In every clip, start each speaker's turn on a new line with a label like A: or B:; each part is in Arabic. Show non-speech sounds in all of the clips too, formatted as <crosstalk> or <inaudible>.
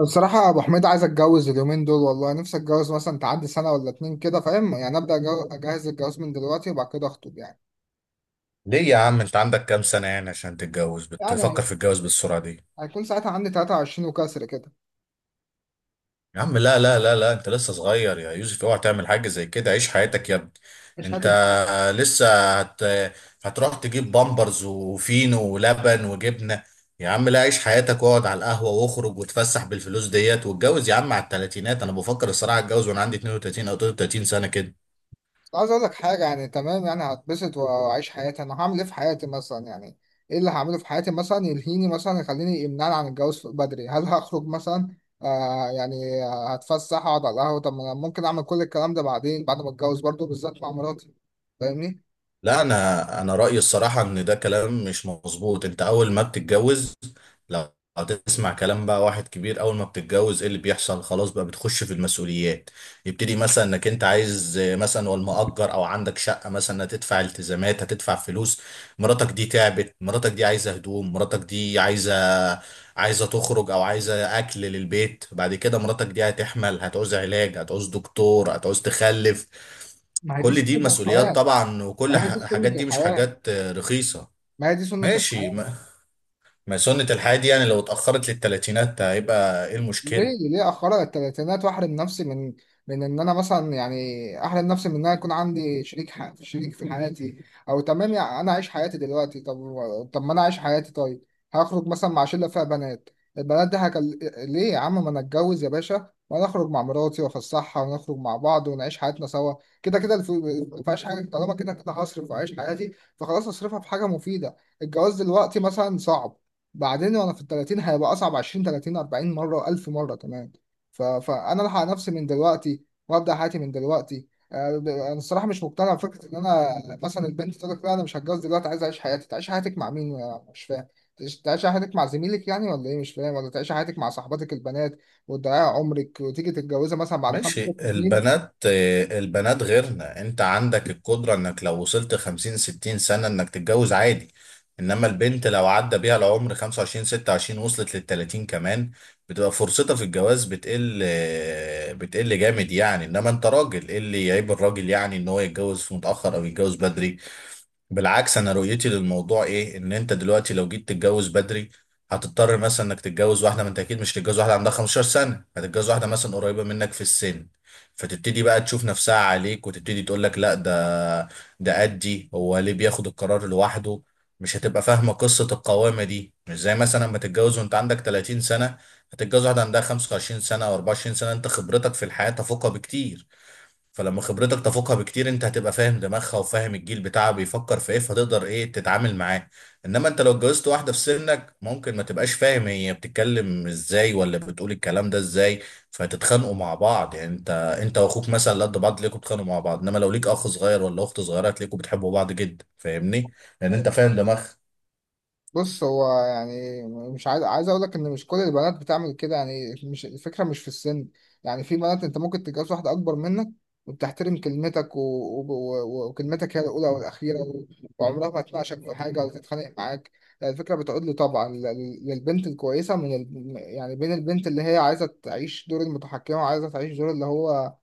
A: بصراحة يا أبو حميد، عايز أتجوز اليومين دول، والله نفسي أتجوز مثلا تعدي سنة ولا اتنين كده. فاهم يعني؟ أبدأ أجهز الجواز من دلوقتي وبعد كده أخطب يعني
B: ليه يا عم؟ انت عندك كام سنة يعني عشان تتجوز؟
A: يعني
B: بتفكر في الجواز بالسرعة دي؟
A: هيكون ساعتها عندي 23 وكسر كده.
B: يا عم لا لا لا لا، انت لسه صغير يا يوسف، اوعى تعمل حاجة زي كده. عيش حياتك يا ابني.
A: مش
B: انت
A: هتل <laughs>
B: لسه هت... هتروح تجيب بامبرز وفينو ولبن وجبنة. يا عم لا، عيش حياتك واقعد على القهوة واخرج وتفسح بالفلوس ديت، واتجوز يا عم على التلاتينات. انا بفكر الصراحة اتجوز وانا عندي 32 او 33 سنة كده.
A: بس عايز أقول لك حاجة، يعني تمام، يعني هتبسط وأعيش حياتي. أنا هعمل إيه في حياتي مثلا يعني؟ إيه اللي هعمله في حياتي مثلا يلهيني، مثلا يخليني، يمنعني عن الجواز بدري؟ هل هخرج مثلا؟ يعني هتفسح، أقعد على القهوة. طب ما أنا ممكن أعمل كل الكلام ده بعدين، بعد ما أتجوز برضه، بالذات مع مراتي. فاهمني؟
B: لا، انا رأيي الصراحة ان ده كلام مش مظبوط. انت اول ما بتتجوز، لو هتسمع كلام بقى واحد كبير، اول ما بتتجوز ايه اللي بيحصل؟ خلاص بقى بتخش في المسؤوليات. يبتدي مثلا انك انت عايز مثلا والمؤجر او عندك شقه، مثلا هتدفع التزامات، هتدفع فلوس. مراتك دي تعبت، مراتك دي عايزه هدوم، مراتك دي عايزه، عايزه تخرج او عايزه اكل للبيت. بعد كده مراتك دي هتحمل، هتعوز علاج، هتعوز دكتور، هتعوز تخلف.
A: ما هي دي
B: كل دي
A: سنة
B: مسؤوليات
A: الحياة.
B: طبعا،
A: ما
B: وكل
A: هي دي
B: حاجات
A: سنة
B: دي مش
A: الحياة.
B: حاجات رخيصه.
A: ما هي دي سنة
B: ماشي،
A: الحياة.
B: ما سنة الحياة دي يعني لو اتأخرت للتلاتينات هيبقى ايه المشكلة؟
A: ليه أخرها للتلاتينات وأحرم نفسي من، من إن أنا مثلا، يعني أحرم نفسي من إن أنا يكون عندي شريك شريك في حياتي. أو تمام، يعني أنا عايش حياتي دلوقتي. طب ما أنا عايش حياتي. طيب هخرج مثلا مع شلة فيها بنات، البنات دي ليه يا عم؟ ما أنا أتجوز يا باشا، وأنا أخرج مع مراتي وأفسحها ونخرج مع بعض ونعيش حياتنا سوا. كده كده ما فيهاش حاجة، طالما كده كده هصرف وأعيش حياتي، فخلاص أصرفها في حاجة مفيدة. الجواز دلوقتي مثلا صعب، بعدين وانا في ال 30 هيبقى اصعب، 20 30 40 مره و1000 مره كمان. فانا الحق نفسي من دلوقتي وابدا حياتي من دلوقتي. انا الصراحه مش مقتنع بفكره ان انا مثلا البنت تقول لك لا، انا مش هتجوز دلوقتي، عايز اعيش حياتي. تعيش حياتك مع مين؟ أنا مش فاهم. تعيش حياتك مع زميلك يعني ولا ايه؟ مش فاهم. ولا تعيش حياتك مع صاحباتك البنات وتضيعي عمرك وتيجي تتجوزها مثلا بعد خمس
B: ماشي،
A: ست سنين؟
B: البنات البنات غيرنا. انت عندك القدرة انك لو وصلت خمسين ستين سنة انك تتجوز عادي، انما البنت لو عدى بيها العمر خمسة وعشرين ستة وعشرين وصلت للتلاتين كمان، بتبقى فرصتها في الجواز بتقل، بتقل جامد يعني. انما انت راجل، ايه اللي يعيب الراجل يعني ان هو يتجوز في متأخر او يتجوز بدري؟ بالعكس، انا رؤيتي للموضوع ايه، ان انت دلوقتي لو جيت تتجوز بدري هتضطر مثلا انك تتجوز واحده، ما انت اكيد مش هتتجوز واحده عندها 15 سنه، هتتجوز واحده مثلا قريبه منك في السن، فتبتدي بقى تشوف نفسها عليك وتبتدي تقول لك لا، ده قدي، هو ليه بياخد القرار لوحده؟ مش هتبقى فاهمه قصه القوامه دي. مش زي مثلا لما تتجوز وانت عندك 30 سنه، هتتجوز واحده عندها 25 سنه او 24 سنه، انت خبرتك في الحياه تفوقها بكتير. فلما خبرتك تفوقها بكتير، انت هتبقى فاهم دماغها وفاهم الجيل بتاعها بيفكر في ايه، فهتقدر ايه تتعامل معاه. انما انت لو اتجوزت واحده في سنك، ممكن ما تبقاش فاهم هي بتتكلم ازاي ولا بتقول الكلام ده ازاي، فتتخانقوا مع بعض. يعني انت واخوك مثلا قد بعض، تلاقيكوا بتتخانقوا مع بعض، انما لو ليك اخ صغير ولا اخت صغيره، هتلاقيكوا بتحبوا بعض جدا، فاهمني؟ لان انت فاهم دماغها.
A: بص، هو يعني مش عايز اقول لك ان مش كل البنات بتعمل كده، يعني مش الفكره مش في السن. يعني في بنات انت ممكن تتجوز واحده اكبر منك وبتحترم كلمتك وكلمتك هي الاولى والاخيره، وعمرها ما تناقشك في حاجه ولا تتخانق معاك. يعني الفكره بتعود لي طبعا للبنت الكويسه من يعني بين البنت اللي هي عايزه تعيش دور المتحكمه، وعايزه تعيش دور اللي هو،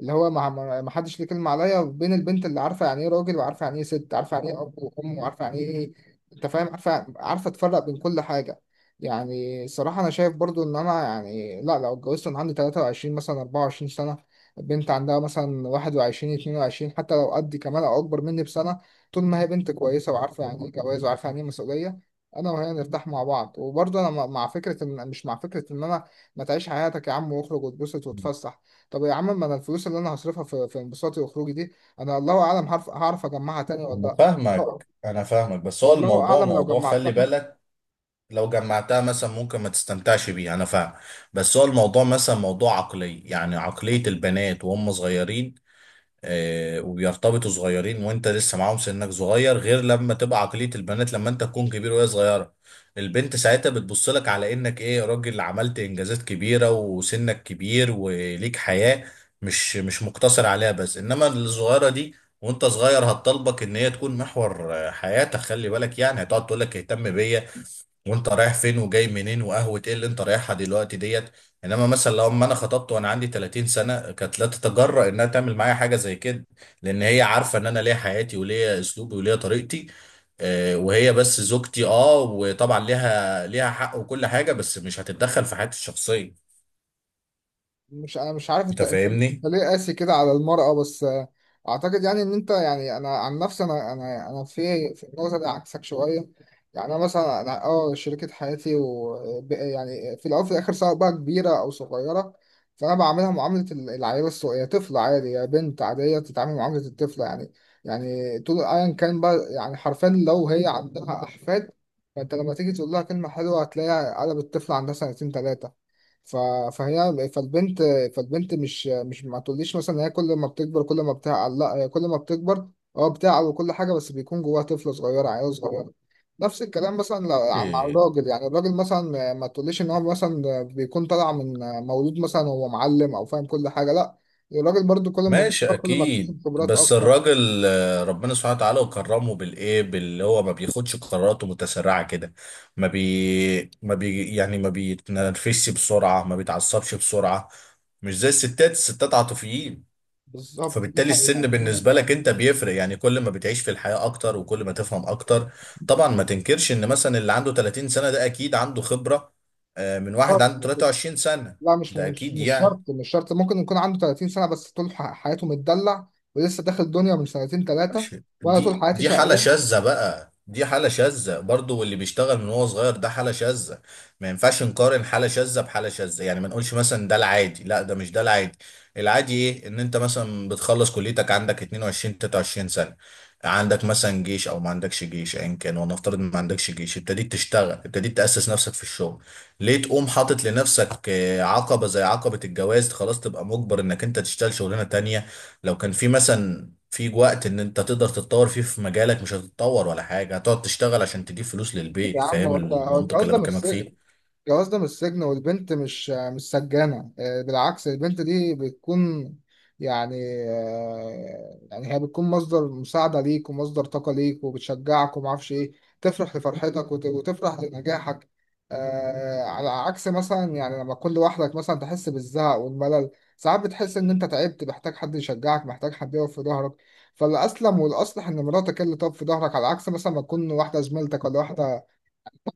A: اللي هو ما حدش ليه كلمة عليا، بين البنت اللي عارفة يعني ايه راجل، وعارفة يعني ايه ست، عارفة يعني ايه اب وام، وعارفة يعني ايه، انت فاهم، عارفة تفرق بين كل حاجة. يعني الصراحة انا شايف برضو ان انا، يعني لا، لو اتجوزت وانا عندي 23 مثلا 24 سنة، البنت عندها مثلا 21 22، حتى لو قدي كمان او اكبر مني بسنة، طول ما هي بنت كويسة وعارفة يعني ايه جواز، وعارفة يعني ايه مسؤولية، انا وهي نرتاح مع بعض. وبرضه انا مع فكرة ان مش، مع فكرة ان انا، ما تعيش حياتك يا عم واخرج واتبسط واتفسح. طب يا عم، ما انا الفلوس اللي انا هصرفها في، في انبساطي وخروجي دي، انا الله اعلم هعرف، هعرف اجمعها تاني ولا
B: انا
A: لا. آه،
B: فاهمك. انا فاهمك بس هو
A: والله
B: الموضوع
A: اعلم لو
B: موضوع خلي
A: جمعتها.
B: بالك. لو جمعتها مثلا ممكن ما تستمتعش بيه، انا فاهم، بس هو الموضوع مثلا موضوع عقلي. يعني عقلية البنات وهم صغيرين، آه، وبيرتبطوا صغيرين وانت لسه معاهم سنك صغير، غير لما تبقى عقلية البنات لما انت تكون كبير وهي صغيرة. البنت ساعتها بتبص لك على انك ايه، راجل عملت انجازات كبيرة وسنك كبير وليك حياة مش مقتصر عليها بس. انما الصغيرة دي وانت صغير، هتطلبك ان هي تكون محور حياتك، خلي بالك، يعني هتقعد تقول لك اهتم بيا، وانت رايح فين وجاي منين، وقهوة ايه اللي انت رايحها دلوقتي ديت. انما مثلا لو ما انا خطبت وانا عندي 30 سنة، كانت لا تتجرأ انها تعمل معايا حاجة زي كده، لان هي عارفة ان انا ليا حياتي وليا اسلوبي وليا طريقتي، وهي بس زوجتي. اه، وطبعا ليها حق وكل حاجة، بس مش هتتدخل في حياتي الشخصية.
A: مش، انا مش عارف انت
B: انت
A: انت انت
B: فاهمني؟
A: ليه قاسي كده على المرأة بس. اعتقد يعني ان انت، يعني انا عن نفسي انا في النقطة دي عكسك شوية. يعني انا مثلا، انا اه شريكة حياتي و يعني في الاول وفي الاخر سواء بقى كبيرة او صغيرة، فانا بعاملها معاملة العيال الصغيرة، هي طفلة عادي، يا بنت عادية، تتعامل معاملة الطفلة يعني. يعني طول، ايا كان بقى، يعني حرفيا لو هي عندها احفاد، فانت لما تيجي تقول لها كلمة حلوة هتلاقيها قلبت الطفل عندها سنتين تلاتة. ف... فهي فالبنت فالبنت مش ما تقوليش مثلا ان هي كل ما بتكبر كل ما بتعقل. لا، هي كل ما بتكبر اه بتعقل وكل حاجه، بس بيكون جواها طفل صغير عيل صغير. نفس الكلام مثلا مع الراجل، يعني الراجل مثلا ما تقوليش ان هو مثلا بيكون طالع من، مولود مثلا وهو معلم او فاهم كل حاجه، لا، الراجل برضو كل ما
B: ماشي
A: بيكبر كل ما
B: اكيد،
A: اكتسب خبرات
B: بس
A: اكتر.
B: الراجل، ربنا سبحانه وتعالى وكرمه بالايه باللي هو ما بياخدش قراراته متسرعه كده، ما بي يعني، ما بيتنرفزش بسرعه، ما بيتعصبش بسرعه، مش زي الستات. الستات عاطفيين.
A: بالظبط، دي
B: فبالتالي السن
A: حقيقه، دي
B: بالنسبه
A: حقيقة.
B: لك انت بيفرق، يعني كل ما بتعيش في الحياه اكتر وكل ما تفهم اكتر. طبعا ما تنكرش ان مثلا اللي عنده 30 سنه ده اكيد عنده خبره من واحد
A: خالص،
B: عنده
A: على فكرة.
B: 23 سنه.
A: لا، مش
B: ده
A: مش
B: اكيد
A: مش
B: يعني.
A: شرط مش شرط ممكن يكون عنده 30 سنه بس طول حياته متدلع ولسه داخل الدنيا من سنتين ثلاثه.
B: ماشي،
A: وانا طول
B: دي
A: حياتي
B: دي حالة
A: شقيان.
B: شاذة بقى، دي حالة شاذة برضو، واللي بيشتغل من وهو صغير ده حالة شاذة. ما ينفعش نقارن حالة شاذة بحالة شاذة، يعني ما نقولش مثلا ده العادي، لا ده مش ده العادي. العادي ايه؟ ان انت مثلا بتخلص كليتك عندك 22 23 سنة، عندك مثلا جيش او ما عندكش جيش، ايا كان، ونفترض ما عندكش جيش، ابتديت تشتغل، ابتديت تأسس نفسك في الشغل. ليه تقوم حاطط لنفسك عقبة زي عقبة الجواز؟ خلاص تبقى مجبر انك انت تشتغل شغلانة تانية. لو كان في مثلا في وقت ان انت تقدر تتطور فيه في مجالك، مش هتتطور ولا حاجة، هتقعد تشتغل عشان تجيب فلوس
A: يا
B: للبيت.
A: عم
B: فاهم
A: والله هو
B: المنطق
A: الجواز
B: اللي
A: ده مش
B: بكلمك
A: سجن،
B: فيه؟
A: الجواز ده مش سجن، والبنت مش سجانة. بالعكس، البنت دي بتكون، يعني يعني هي بتكون مصدر مساعدة ليك، ومصدر طاقة ليك، وبتشجعك ومعرفش ايه، تفرح لفرحتك وتفرح لنجاحك. على عكس مثلا يعني لما تكون لوحدك، مثلا تحس بالزهق والملل، ساعات بتحس ان انت تعبت، محتاج حد يشجعك، محتاج حد يقف في ظهرك. فالأسلم والأصلح إن مراتك هي اللي تقف في ظهرك، على عكس مثلا ما تكون واحدة زميلتك ولا واحدة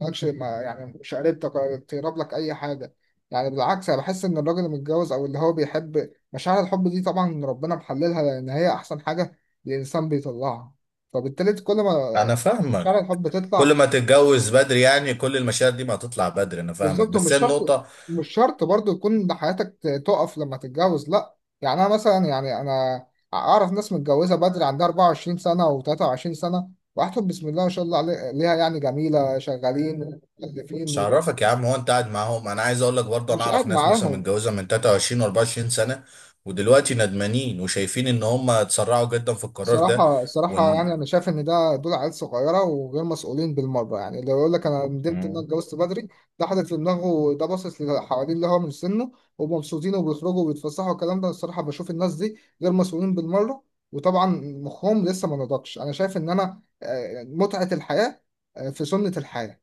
A: ماكش، ما يعني مش قريبتك ولا تقرب لك اي حاجه. يعني بالعكس، انا بحس ان الراجل المتجوز او اللي هو بيحب مشاعر الحب دي، طبعا ربنا محللها لان هي احسن حاجه الانسان بيطلعها، فبالتالي كل ما
B: انا فاهمك.
A: مشاعر الحب
B: كل
A: تطلع.
B: ما تتجوز بدري يعني كل المشاعر دي ما هتطلع بدري، انا فاهمك،
A: بالظبط.
B: بس
A: ومش
B: هي
A: شرط
B: النقطة.
A: مش شرط برضو يكون حياتك تقف لما تتجوز، لا، يعني انا مثلا، يعني انا اعرف ناس متجوزه بدري، عندها 24 سنه و23 سنه، واحتفل بسم الله ما شاء الله ليها، يعني جميله شغالين مكلفين.
B: مش هعرفك يا عم، هو انت قاعد معاهم؟ انا عايز اقول لك برضه، انا
A: مش
B: اعرف
A: قاعد
B: ناس مثلا
A: معاهم.
B: متجوزة من 23 و 24 سنة، ودلوقتي ندمانين وشايفين ان هم اتسرعوا جدا في القرار ده.
A: صراحة صراحة
B: وان
A: يعني أنا شايف إن ده دول عيال صغيرة وغير مسؤولين بالمرة. يعني لو يقول لك أنا ندمت إن أنا اتجوزت بدري، ده حاطط في دماغه ده، باصص للي حواليه اللي هو من سنه ومبسوطين وبيخرجوا وبيتفسحوا والكلام ده. الصراحة بشوف الناس دي غير مسؤولين بالمرة، وطبعا مخهم لسه ما نضجش. أنا شايف إن أنا، متعة الحياة، في سنة الحياة،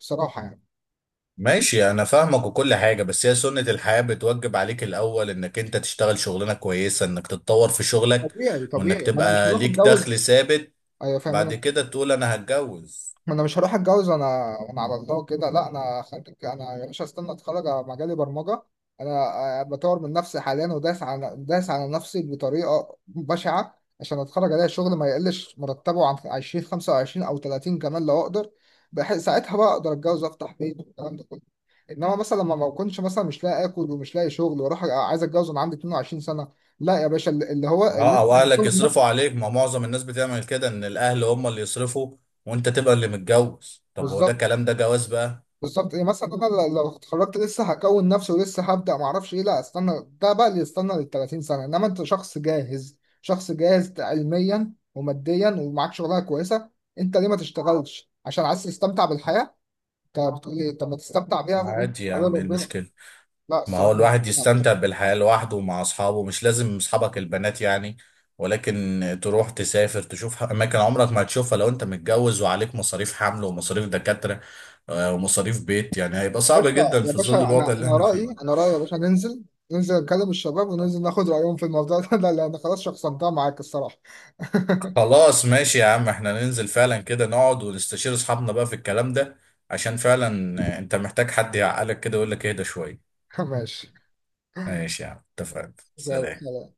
A: بصراحة يعني.
B: ماشي، انا فاهمك وكل حاجة، بس هي سنة الحياة بتوجب عليك الاول انك انت تشتغل شغلانة كويسة، انك تتطور في شغلك،
A: طبيعي
B: وانك
A: طبيعي، ما أنا مش
B: تبقى
A: هروح
B: ليك
A: أتجوز.
B: دخل ثابت،
A: أيوة فاهم
B: بعد
A: أنا.
B: كده تقول انا هتجوز.
A: ما انا مش هروح اتجوز وانا على الله كده، لا. انا خارج انا يا باشا، استنى اتخرج على مجالي برمجه. انا بطور من نفسي حاليا، وداس على داس على نفسي بطريقه بشعه عشان اتخرج الاقي شغل ما يقلش مرتبه عن 20 25 او 30 كمان لو اقدر، بحيث ساعتها بقى اقدر اتجوز وافتح بيت والكلام ده كله. انما مثلا لما ما اكونش مثلا مش لاقي اكل ومش لاقي شغل، واروح عايز اتجوز وانا عندي 22 سنه، لا يا باشا، اللي اللي هو
B: اه،
A: اللي
B: او اهلك يصرفوا عليك، ما معظم الناس بتعمل كده، ان الاهل هم اللي يصرفوا وانت تبقى اللي متجوز. طب هو ده
A: بالظبط.
B: كلام؟ ده جواز بقى؟
A: بالظبط، يعني مثلا انا لو اتخرجت لسه هكون نفسي ولسه هبدا، ما اعرفش ايه، لا استنى، ده بقى اللي يستنى لل 30 سنه. انما انت شخص جاهز، شخص جاهز علميا وماديا، ومعاك شغلانه كويسه، انت ليه ما تشتغلش عشان عايز تستمتع بالحياه؟ انت بتقول ايه؟ طب ما تستمتع بيها؟
B: عادي يا
A: على
B: عم، ايه
A: ربنا.
B: المشكلة؟
A: لا
B: ما هو
A: الصراحه مش،
B: الواحد
A: لا، يا
B: يستمتع بالحياة لوحده ومع أصحابه، مش لازم أصحابك البنات يعني، ولكن تروح تسافر، تشوف أماكن عمرك ما هتشوفها لو أنت متجوز وعليك مصاريف حمل ومصاريف دكاترة، ومصاريف بيت. يعني هيبقى صعب
A: باشا
B: جدا
A: يا
B: في ظل
A: باشا، انا
B: الوضع اللي
A: انا
B: احنا
A: رايي
B: فيه.
A: انا رايي يا باشا، ننزل نكلم الشباب، وننزل ناخد رايهم في الموضوع ده <laughs> لان خلاص شخصنتها معاك الصراحه. <laughs>
B: خلاص ماشي يا عم، احنا ننزل فعلا كده، نقعد ونستشير أصحابنا بقى في الكلام ده، عشان فعلا أنت محتاج حد يعقلك كده ويقول لك اهدى شوية.
A: ماشي.
B: ماشي يا عم، اتفقنا، سلام.
A: زي-